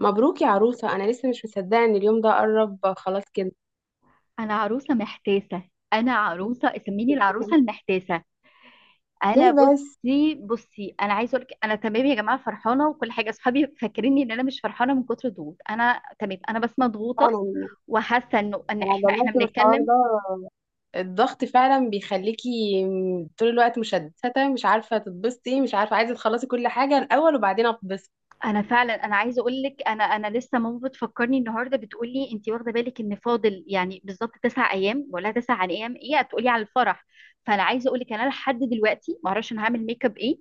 مبروك يا عروسة، أنا لسه مش مصدقة إن اليوم ده قرب خلاص كده. انا عروسه محتاسه. انا عروسه اسميني العروسه المحتاسه. انا ليه بس؟ بصي انا عايزه اقول لك انا تمام يا جماعه، فرحانه وكل حاجه. اصحابي فاكريني ان انا مش فرحانه من كتر الضغوط. انا تمام، انا بس مضغوطه فعلا. وحاسه انه ان أنا احنا جربت من الحوار بنتكلم. ده، الضغط فعلا بيخليكي طول الوقت مشتتة، مش عارفة تتبسطي، مش عارفة، عايزة تخلصي كل حاجة الأول وبعدين أتبسط. انا فعلا انا عايزه اقول لك، انا لسه ماما بتفكرني النهارده، بتقول لي انت واخده بالك ان فاضل يعني بالظبط 9 ايام ولا تسع، عن ايام ايه هتقولي على الفرح. فانا عايزه اقول لك انا لحد دلوقتي ما اعرفش انا هعمل ميك اب ايه.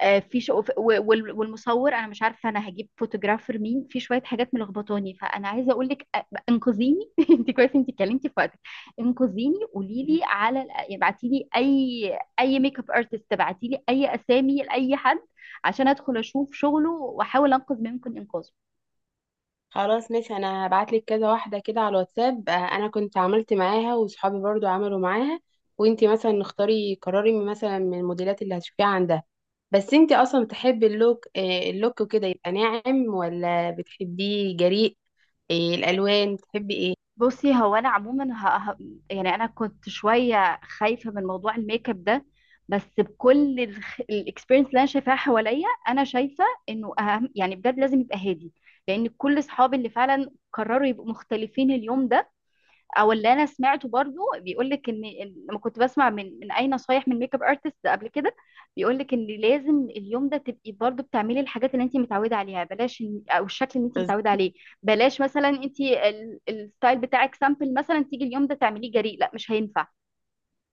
في شو... والمصور انا مش عارفه انا هجيب فوتوجرافر مين. في شويه حاجات ملخبطاني، فانا عايزه اقول لك انقذيني. انت كويس انت اتكلمتي في وقتك. انقذيني، قولي لي على، ابعتي لي اي ميك اب ارتست، ابعتي لي اي اسامي لاي حد عشان ادخل اشوف شغله واحاول انقذ ما يمكن انقاذه. خلاص ماشي، انا هبعتلك كذا واحدة كده على الواتساب. انا كنت عملت معاها وصحابي برضو عملوا معاها. وانتي مثلا اختاري، قرري مثلا من الموديلات اللي هتشوفيها عندها. بس انتي اصلا بتحبي اللوك، اللوك وكده، يبقى ناعم ولا بتحبيه جريء؟ الالوان بتحبي ايه؟ بصي هو انا عموما يعني انا كنت شويه خايفه من موضوع الميك اب ده، بس بكل الاكسبيرينس اللي انا شايفاها حواليا، انا شايفه انه اهم يعني بجد لازم يبقى هادي. لان كل اصحابي اللي فعلا قرروا يبقوا مختلفين اليوم ده، او اللي انا سمعته برضو بيقول لك ان لما كنت بسمع من اي نصايح من ميك اب ارتست قبل كده، بيقول لك ان لازم اليوم ده تبقي برضو بتعملي الحاجات اللي انت متعوده عليها، بلاش او الشكل اللي انت بز- متعوده عليه. بلاش مثلا انت الستايل بتاعك سامبل مثلا تيجي اليوم ده تعمليه جريء، لا مش هينفع.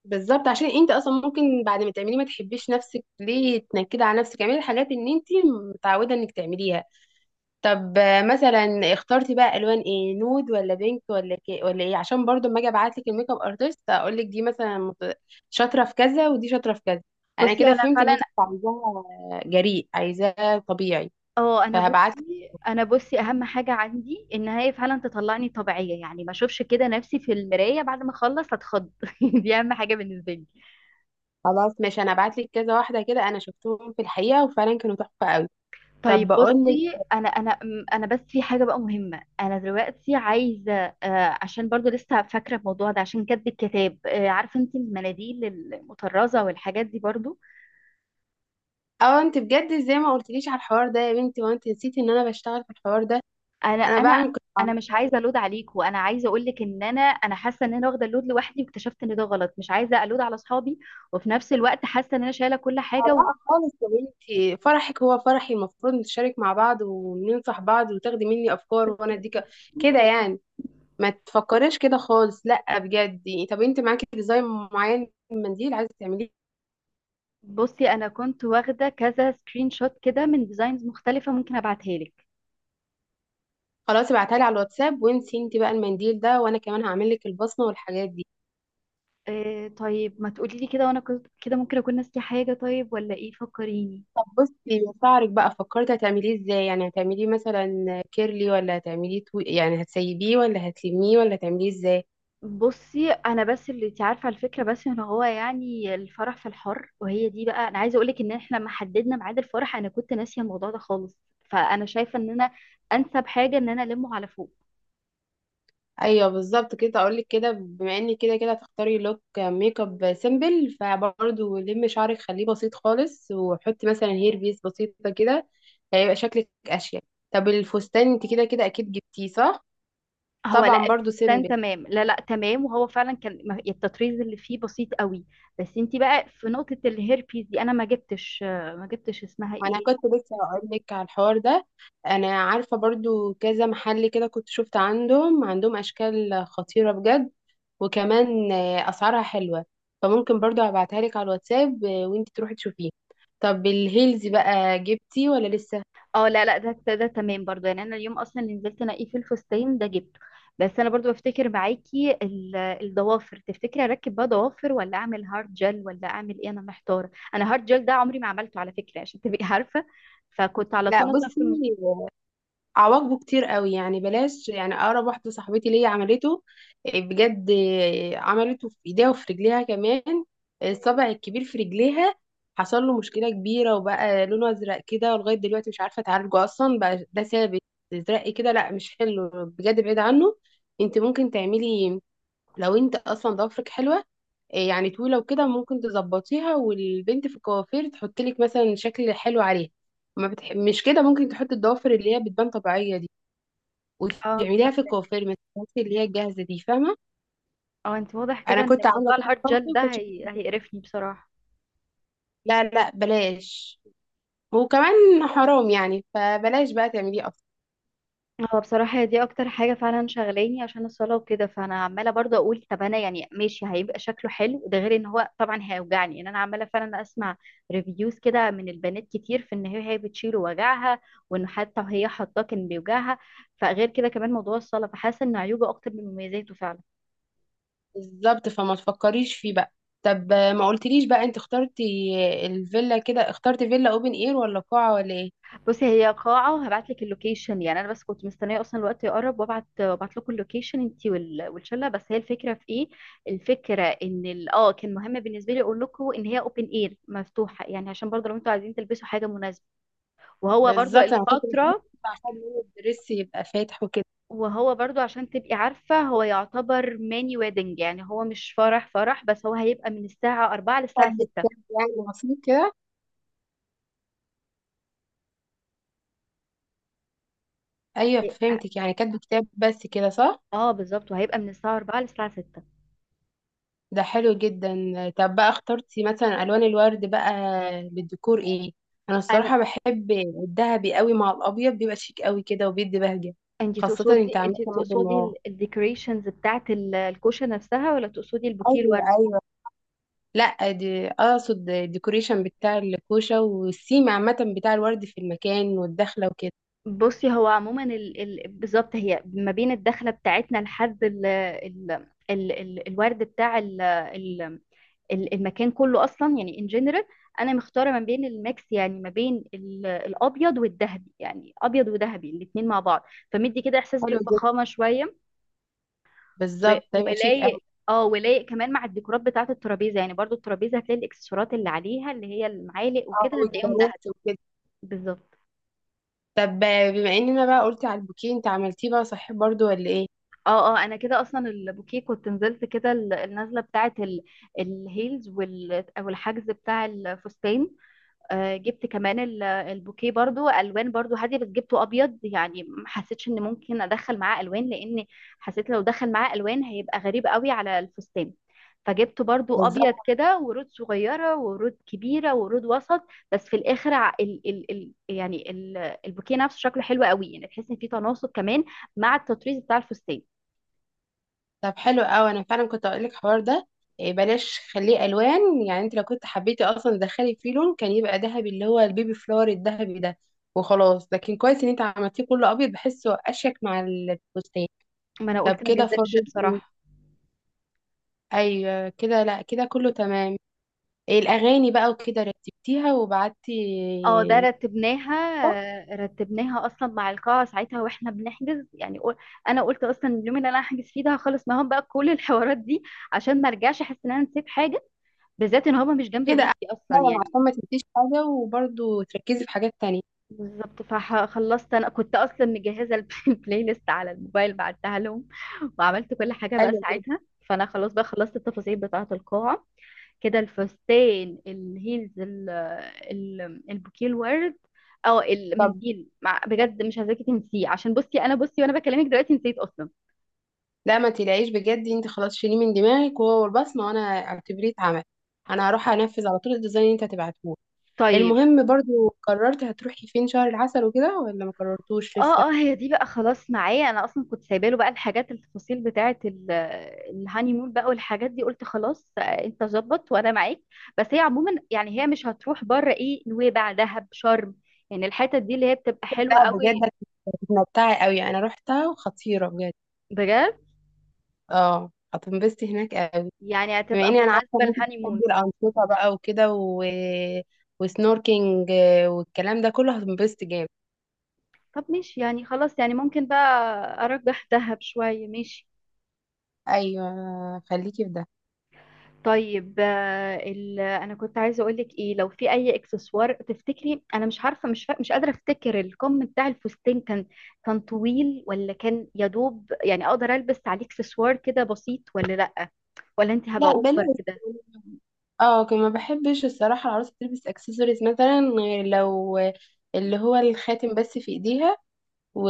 بالظبط، عشان انتي اصلا ممكن بعد ما تعمليه ما تحبيش نفسك، ليه تنكدي على نفسك؟ اعملي الحاجات اللي انتي متعودة انك تعمليها. طب مثلا اخترتي بقى الوان ايه؟ نود ولا بينك ولا كي ولا ايه؟ عشان برضو اما اجي ابعت لك الميك اب ارتست اقول لك دي مثلا شاطره في كذا ودي شاطره في كذا. انا بصي كده انا فهمت ان فعلا، انت مش عايزاها جريء، عايزاها طبيعي. اه انا فهبعت لك. بصي، انا بصي: اهم حاجه عندي ان هي فعلا تطلعني طبيعيه، يعني ما اشوفش كده نفسي في المرايه بعد ما اخلص اتخض. دي اهم حاجه بالنسبه لي. خلاص ماشي، انا هبعت لك كذا واحده كده، انا شفتهم في الحقيقه وفعلا كانوا تحفه قوي. طب طيب بقول بصي لك، انا بس في حاجه بقى مهمه انا دلوقتي عايزه، عشان برضو لسه فاكره الموضوع ده عشان كاتبه الكتاب، عارفه انت المناديل المطرزه والحاجات دي برضو؟ اه انت بجد ازاي ما قلتليش على الحوار ده يا بنتي؟ وانت نسيتي ان انا بشتغل في الحوار ده، انا انا انا بعمل انا كنت. مش عايزه الود عليكم، انا عايزه اقول لك ان انا حاسه ان انا واخده اللود لوحدي، واكتشفت ان ده غلط. مش عايزه الود على اصحابي وفي نفس الوقت حاسه ان انا شايله كل حاجه و... لا خالص يا بنتي، فرحك هو فرحي، المفروض نتشارك مع بعض وننصح بعض وتاخدي مني افكار وانا اديك كده يعني. ما تفكريش كده خالص، لا بجد. طب انت معاكي ديزاين معين من منديل عايزه تعمليه؟ بصي انا كنت واخده كذا سكرين شوت كده من ديزاينز مختلفه، ممكن ابعتها لك. خلاص ابعتها لي على الواتساب وانسي انت بقى المنديل ده، وانا كمان هعمل لك البصمه والحاجات دي. آه طيب ما تقولي لي كده، كده ممكن اكون ناسيه حاجه. طيب ولا ايه، فكريني. طب بصي، شعرك بقى فكرتي هتعمليه ازاي؟ يعني هتعمليه مثلا كيرلي ولا هتعمليه طويل؟ يعني هتسيبيه ولا هتلميه ولا هتعمليه ازاي؟ بصي انا بس اللي انت عارفه على الفكره، بس ان هو يعني الفرح في الحر، وهي دي بقى انا عايزه اقول لك ان احنا لما حددنا ميعاد الفرح انا كنت ناسيه الموضوع ده خالص. فانا شايفه ان انا انسب حاجه ان انا المه على فوق. ايوه بالظبط كده، اقول لك كده، بما اني كده كده هتختاري لوك ميك اب سيمبل، فبرضه لمي شعرك، خليه بسيط خالص، وحطي مثلا هير بيس بسيطه كده، هيبقى شكلك اشيك. طب الفستان انت كده كده اكيد جبتيه صح؟ هو لا طبعا برضه الفستان سيمبل. تمام، لا لا تمام، وهو فعلا كان التطريز اللي فيه بسيط قوي. بس انت بقى في نقطه الهيربيز دي انا ما جبتش، اسمها وانا ايه. كنت لسه هقول لك على الحوار ده. انا عارفه برضو كذا محل كده كنت شفت عندهم اشكال خطيره بجد. وكمان اسعارها حلوه، فممكن برضو ابعتها لك على الواتساب وانت تروحي تشوفيه. طب الهيلز بقى جبتي ولا لسه؟ اه لا لا، ده تمام برضو، يعني انا اليوم اصلا اللي نزلت انقيه في الفستان ده جبته. بس انا برضو بفتكر معاكي الضوافر، تفتكري اركب بقى ضوافر ولا اعمل هارد جel ولا اعمل ايه؟ انا محتاره. انا هارد جel ده عمري ما عملته على فكره، عشان تبقي عارفه فكنت على لا طول مثلا بصي، في عواقبه كتير قوي يعني، بلاش يعني. اقرب واحده صاحبتي ليا عملته، إيه، بجد إيه، عملته في ايديها وفي رجليها كمان. الصبع الكبير في رجليها حصل له مشكله كبيره وبقى لونه ازرق كده، ولغايه دلوقتي مش عارفه اتعالجه، اصلا بقى ده ثابت ازرق كده. لا مش حلو بجد، بعيد عنه. انت ممكن تعملي، لو انت اصلا ضوافرك حلوه، إيه يعني طويله وكده، ممكن تظبطيها والبنت في الكوافير تحط لك مثلا شكل حلو عليها. ما بتح... مش كده، ممكن تحط الضوافر اللي هي بتبان طبيعيه دي اه وتعمليها في فهمت. الكوافير، ما تستخدميش اللي هي الجاهزه دي، فاهمه؟ اه انت واضح انا كده ان كنت عامله موضوع كده الهارد برضه، جel ده كنت شايفة كده. هيقرفني بصراحه. لا لا بلاش، وكمان حرام يعني، فبلاش بقى تعمليه اصلا. هو بصراحة هي دي أكتر حاجة فعلا شغلاني عشان الصلاة وكده، فأنا عمالة برضه أقول طب أنا يعني ماشي هيبقى شكله حلو، ده غير إن هو طبعا هيوجعني. إن أنا عمالة فعلا أسمع ريفيوز كده من البنات كتير في إن هي بتشيل وجعها، وإن حتى وهي حاطاه كان بيوجعها. فغير كده كمان موضوع الصلاة، فحاسة إن عيوبه أكتر من مميزاته فعلا. بالظبط، فما تفكريش فيه بقى. طب ما قلتليش بقى، انت اخترتي الفيلا كده، اخترتي فيلا اوبن اير ولا قاعه ولا ايه؟ بصي هي قاعة، هبعت لك اللوكيشن. يعني انا بس كنت مستنية اصلا الوقت يقرب وابعت، وابعت لكم اللوكيشن انتي والشلة. بس هي الفكرة في ايه، الفكرة ان ال- كان مهم بالنسبة لي اقول لكم ان هي اوبن اير مفتوحة، يعني عشان برضو لو انتوا عايزين تلبسوا حاجة مناسبة، وهو برضو بالظبط انا كنت بسألك الفترة، عشان لون الدرس يبقى فاتح وكده. وهو برضو عشان تبقي عارفة، هو يعتبر ماني ويدنج يعني هو مش فرح فرح، بس هو هيبقى من الساعة 4 للساعة كاتبة 6. كتاب يعني بسيط كده. ايوه فهمتك، يعني كاتبة كتاب بس كده، صح؟ اه بالظبط، وهيبقى من الساعة 4 للساعة 6. ده حلو جدا. طب بقى اخترتي مثلا الوان الورد بقى للديكور ايه؟ انا الصراحة بحب الذهبي قوي مع الابيض، بيبقى شيك قوي كده وبيدي بهجة، انت خاصة تقصدي انت عاملة انت مد النهار. تقصدي الديكوريشنز بتاعت الكوشه نفسها ولا تقصدي البوكيه ايوه الورد؟ ايوه. لا دي اقصد الديكوريشن بتاع الكوشه والسيم عامه بتاع الورد في المكان والدخله وكده. بصي هو عموما بالظبط هي ما بين الدخله بتاعتنا لحد الورد بتاع المكان كله اصلا، يعني ان جنرال انا مختاره ما بين الميكس، يعني ما بين الابيض والذهبي، يعني ابيض وذهبي الاتنين مع بعض، فمدي كده احساس حلو جدا، بالفخامه شويه و- بالظبط هيبقى شيك. ولايق. اه ولايق كمان مع الديكورات بتاعة الترابيزة. يعني برضو الترابيزة هتلاقي الاكسسوارات اللي عليها اللي هي المعالق اه وكده هتلاقيهم دهب. والبنات وكده. بالظبط. طب، بما اننا بقى قلتي على البوكيه، انت عملتيه بقى صحيح برضو ولا ايه؟ اه اه انا كده اصلا البوكيه كنت نزلت كده النازلة بتاعة الهيلز او الحجز بتاع الفستان. جبت كمان البوكيه برضو الوان برضو هاديه، بس جبته ابيض، يعني ما حسيتش ان ممكن ادخل معاه الوان، لان حسيت لو دخل معاه الوان هيبقى غريب قوي على الفستان. فجبته برضو ابيض بالظبط. كده، ورود صغيره ورود كبيره ورود وسط. بس في الاخر ع- ال ال ال يعني ال البوكيه نفسه شكله حلو قوي، يعني تحس ان في تناسق كمان مع التطريز بتاع الفستان. طب حلو قوي، انا فعلا كنت اقول لك الحوار ده. إيه بلاش، خليه الوان، يعني انت لو كنت حبيتي اصلا تدخلي فيه لون كان يبقى ذهبي، اللي هو البيبي فلور الذهبي ده، وخلاص. لكن كويس ان انت عملتيه كله ابيض، بحسه اشيك مع الفستان. ما انا طب قلت ما كده جذبش فاضل ايه؟ بصراحه. ايوه كده، لا كده كله تمام. إيه الاغاني بقى وكده، رتبتيها وبعتي؟ اه ده رتبناها اصلا مع القاعه ساعتها واحنا بنحجز، يعني انا قلت اصلا اليوم اللي انا هحجز فيه ده هخلص معاهم بقى كل الحوارات دي، عشان ما ارجعش احس ان انا نسيت حاجه، بالذات ان هما مش جنب كده أحسن، بيتي اصلا فعلا يعني. عشان ما تنسيش حاجة وبرضه تركزي في حاجات تانية. بالظبط فخلصت، انا كنت اصلا مجهزه البلاي ليست على الموبايل، بعتها لهم وعملت كل حاجه بقى ايوه بجد. ساعتها. فانا خلاص بقى خلصت التفاصيل بتاعه القاعه كده، الفستان، الهيلز، البوكيه الورد، او طب المنديل مع بجد مش عايزاكي تنسيه، عشان بصي انا بصي وانا بكلمك دلوقتي نسيت اصلا. لا، ما تقلقيش بجد، انت خلاص شيليه من دماغك وهو البصمة، وانا اعتبريه اتعمل. انا هروح انفذ على طول الديزاين اللي انت هتبعتهولي. طيب المهم برضه، قررت هتروحي فين شهر العسل وكده ولا ما قررتوش لسه؟ اه اه هي دي بقى خلاص معايا، انا اصلا كنت سايبه له بقى الحاجات التفاصيل بتاعه الهانيمون بقى والحاجات دي، قلت خلاص انت ظبط وانا معاك. بس هي عموما يعني هي مش هتروح بره، ايه نويبع دهب شرم، يعني الحتت دي اللي هي بتبقى ده حلوه قوي. بجد هتتمتعي قوي، انا روحتها وخطيرة بجد. بجد، اه هتنبسطي هناك قوي. يعني بما هتبقى اني انا عارفة مناسبه ان انت للهانيمون. بتحبي الأنشطة بقى وكده وسنوركينج والكلام ده كله، هتنبسطي جامد. طب ماشي يعني خلاص، يعني ممكن بقى ارجح دهب شوية، ماشي. ايوه خليكي في ده. طيب انا كنت عايزه اقول لك ايه، لو في اي اكسسوار تفتكري، انا مش عارفه مش قادره افتكر الكم بتاع الفستان كان، كان طويل ولا كان يا دوب يعني اقدر البس عليه اكسسوار كده بسيط، ولا لا ولا انت هبقى لا اوفر بلاش. كده. اه كنت ما بحبش الصراحة العروسة تلبس اكسسوارز مثلا، غير لو اللي هو الخاتم بس في ايديها و...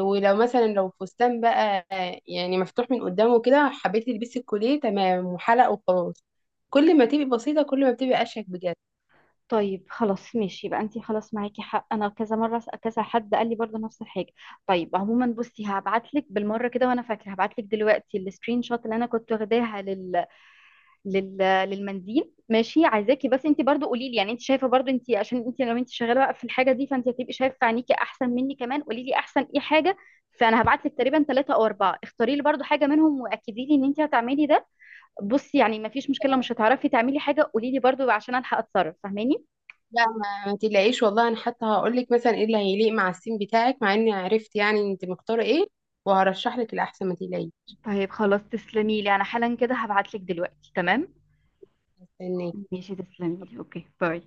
ولو مثلا لو فستان بقى يعني مفتوح من قدامه كده، حبيتي تلبسي الكوليه تمام وحلق وخلاص. كل ما تبقي بسيطة كل ما بتبقي اشيك بجد. طيب خلاص ماشي، يبقى انتي خلاص معاكي حق، انا كذا مره كذا حد قال لي برضه نفس الحاجه. طيب عموما بصي هبعت لك بالمره كده، وانا فاكره هبعت لك دلوقتي السكرين شوت اللي انا كنت واخداها لل... للمنديل. ماشي عايزاكي بس انتي برضه قولي لي، يعني انت شايفه برضه انتي، عشان انتي لو انتي شغاله بقى في الحاجه دي فانتي هتبقي شايفه عينيكي احسن مني، كمان قولي لي احسن ايه حاجه. فانا هبعت لك تقريبا 3 او 4، اختاري لي برضه حاجه منهم واكدي لي ان انتي هتعملي ده. بصي يعني مفيش مشكله مش هتعرفي تعملي حاجه، قولي لي برضه عشان الحق اتصرف، فاهماني. لا ما تقلقيش والله، انا حتى هقول لك مثلا ايه اللي هيليق مع السين بتاعك، مع اني عرفت يعني انت مختارة ايه، وهرشح لك الاحسن، ما تقلقيش. طيب خلاص تسلمي لي، انا حالا كده هبعت لك دلوقتي، تمام. استناكي. ماشي تسلمي لي، اوكي باي.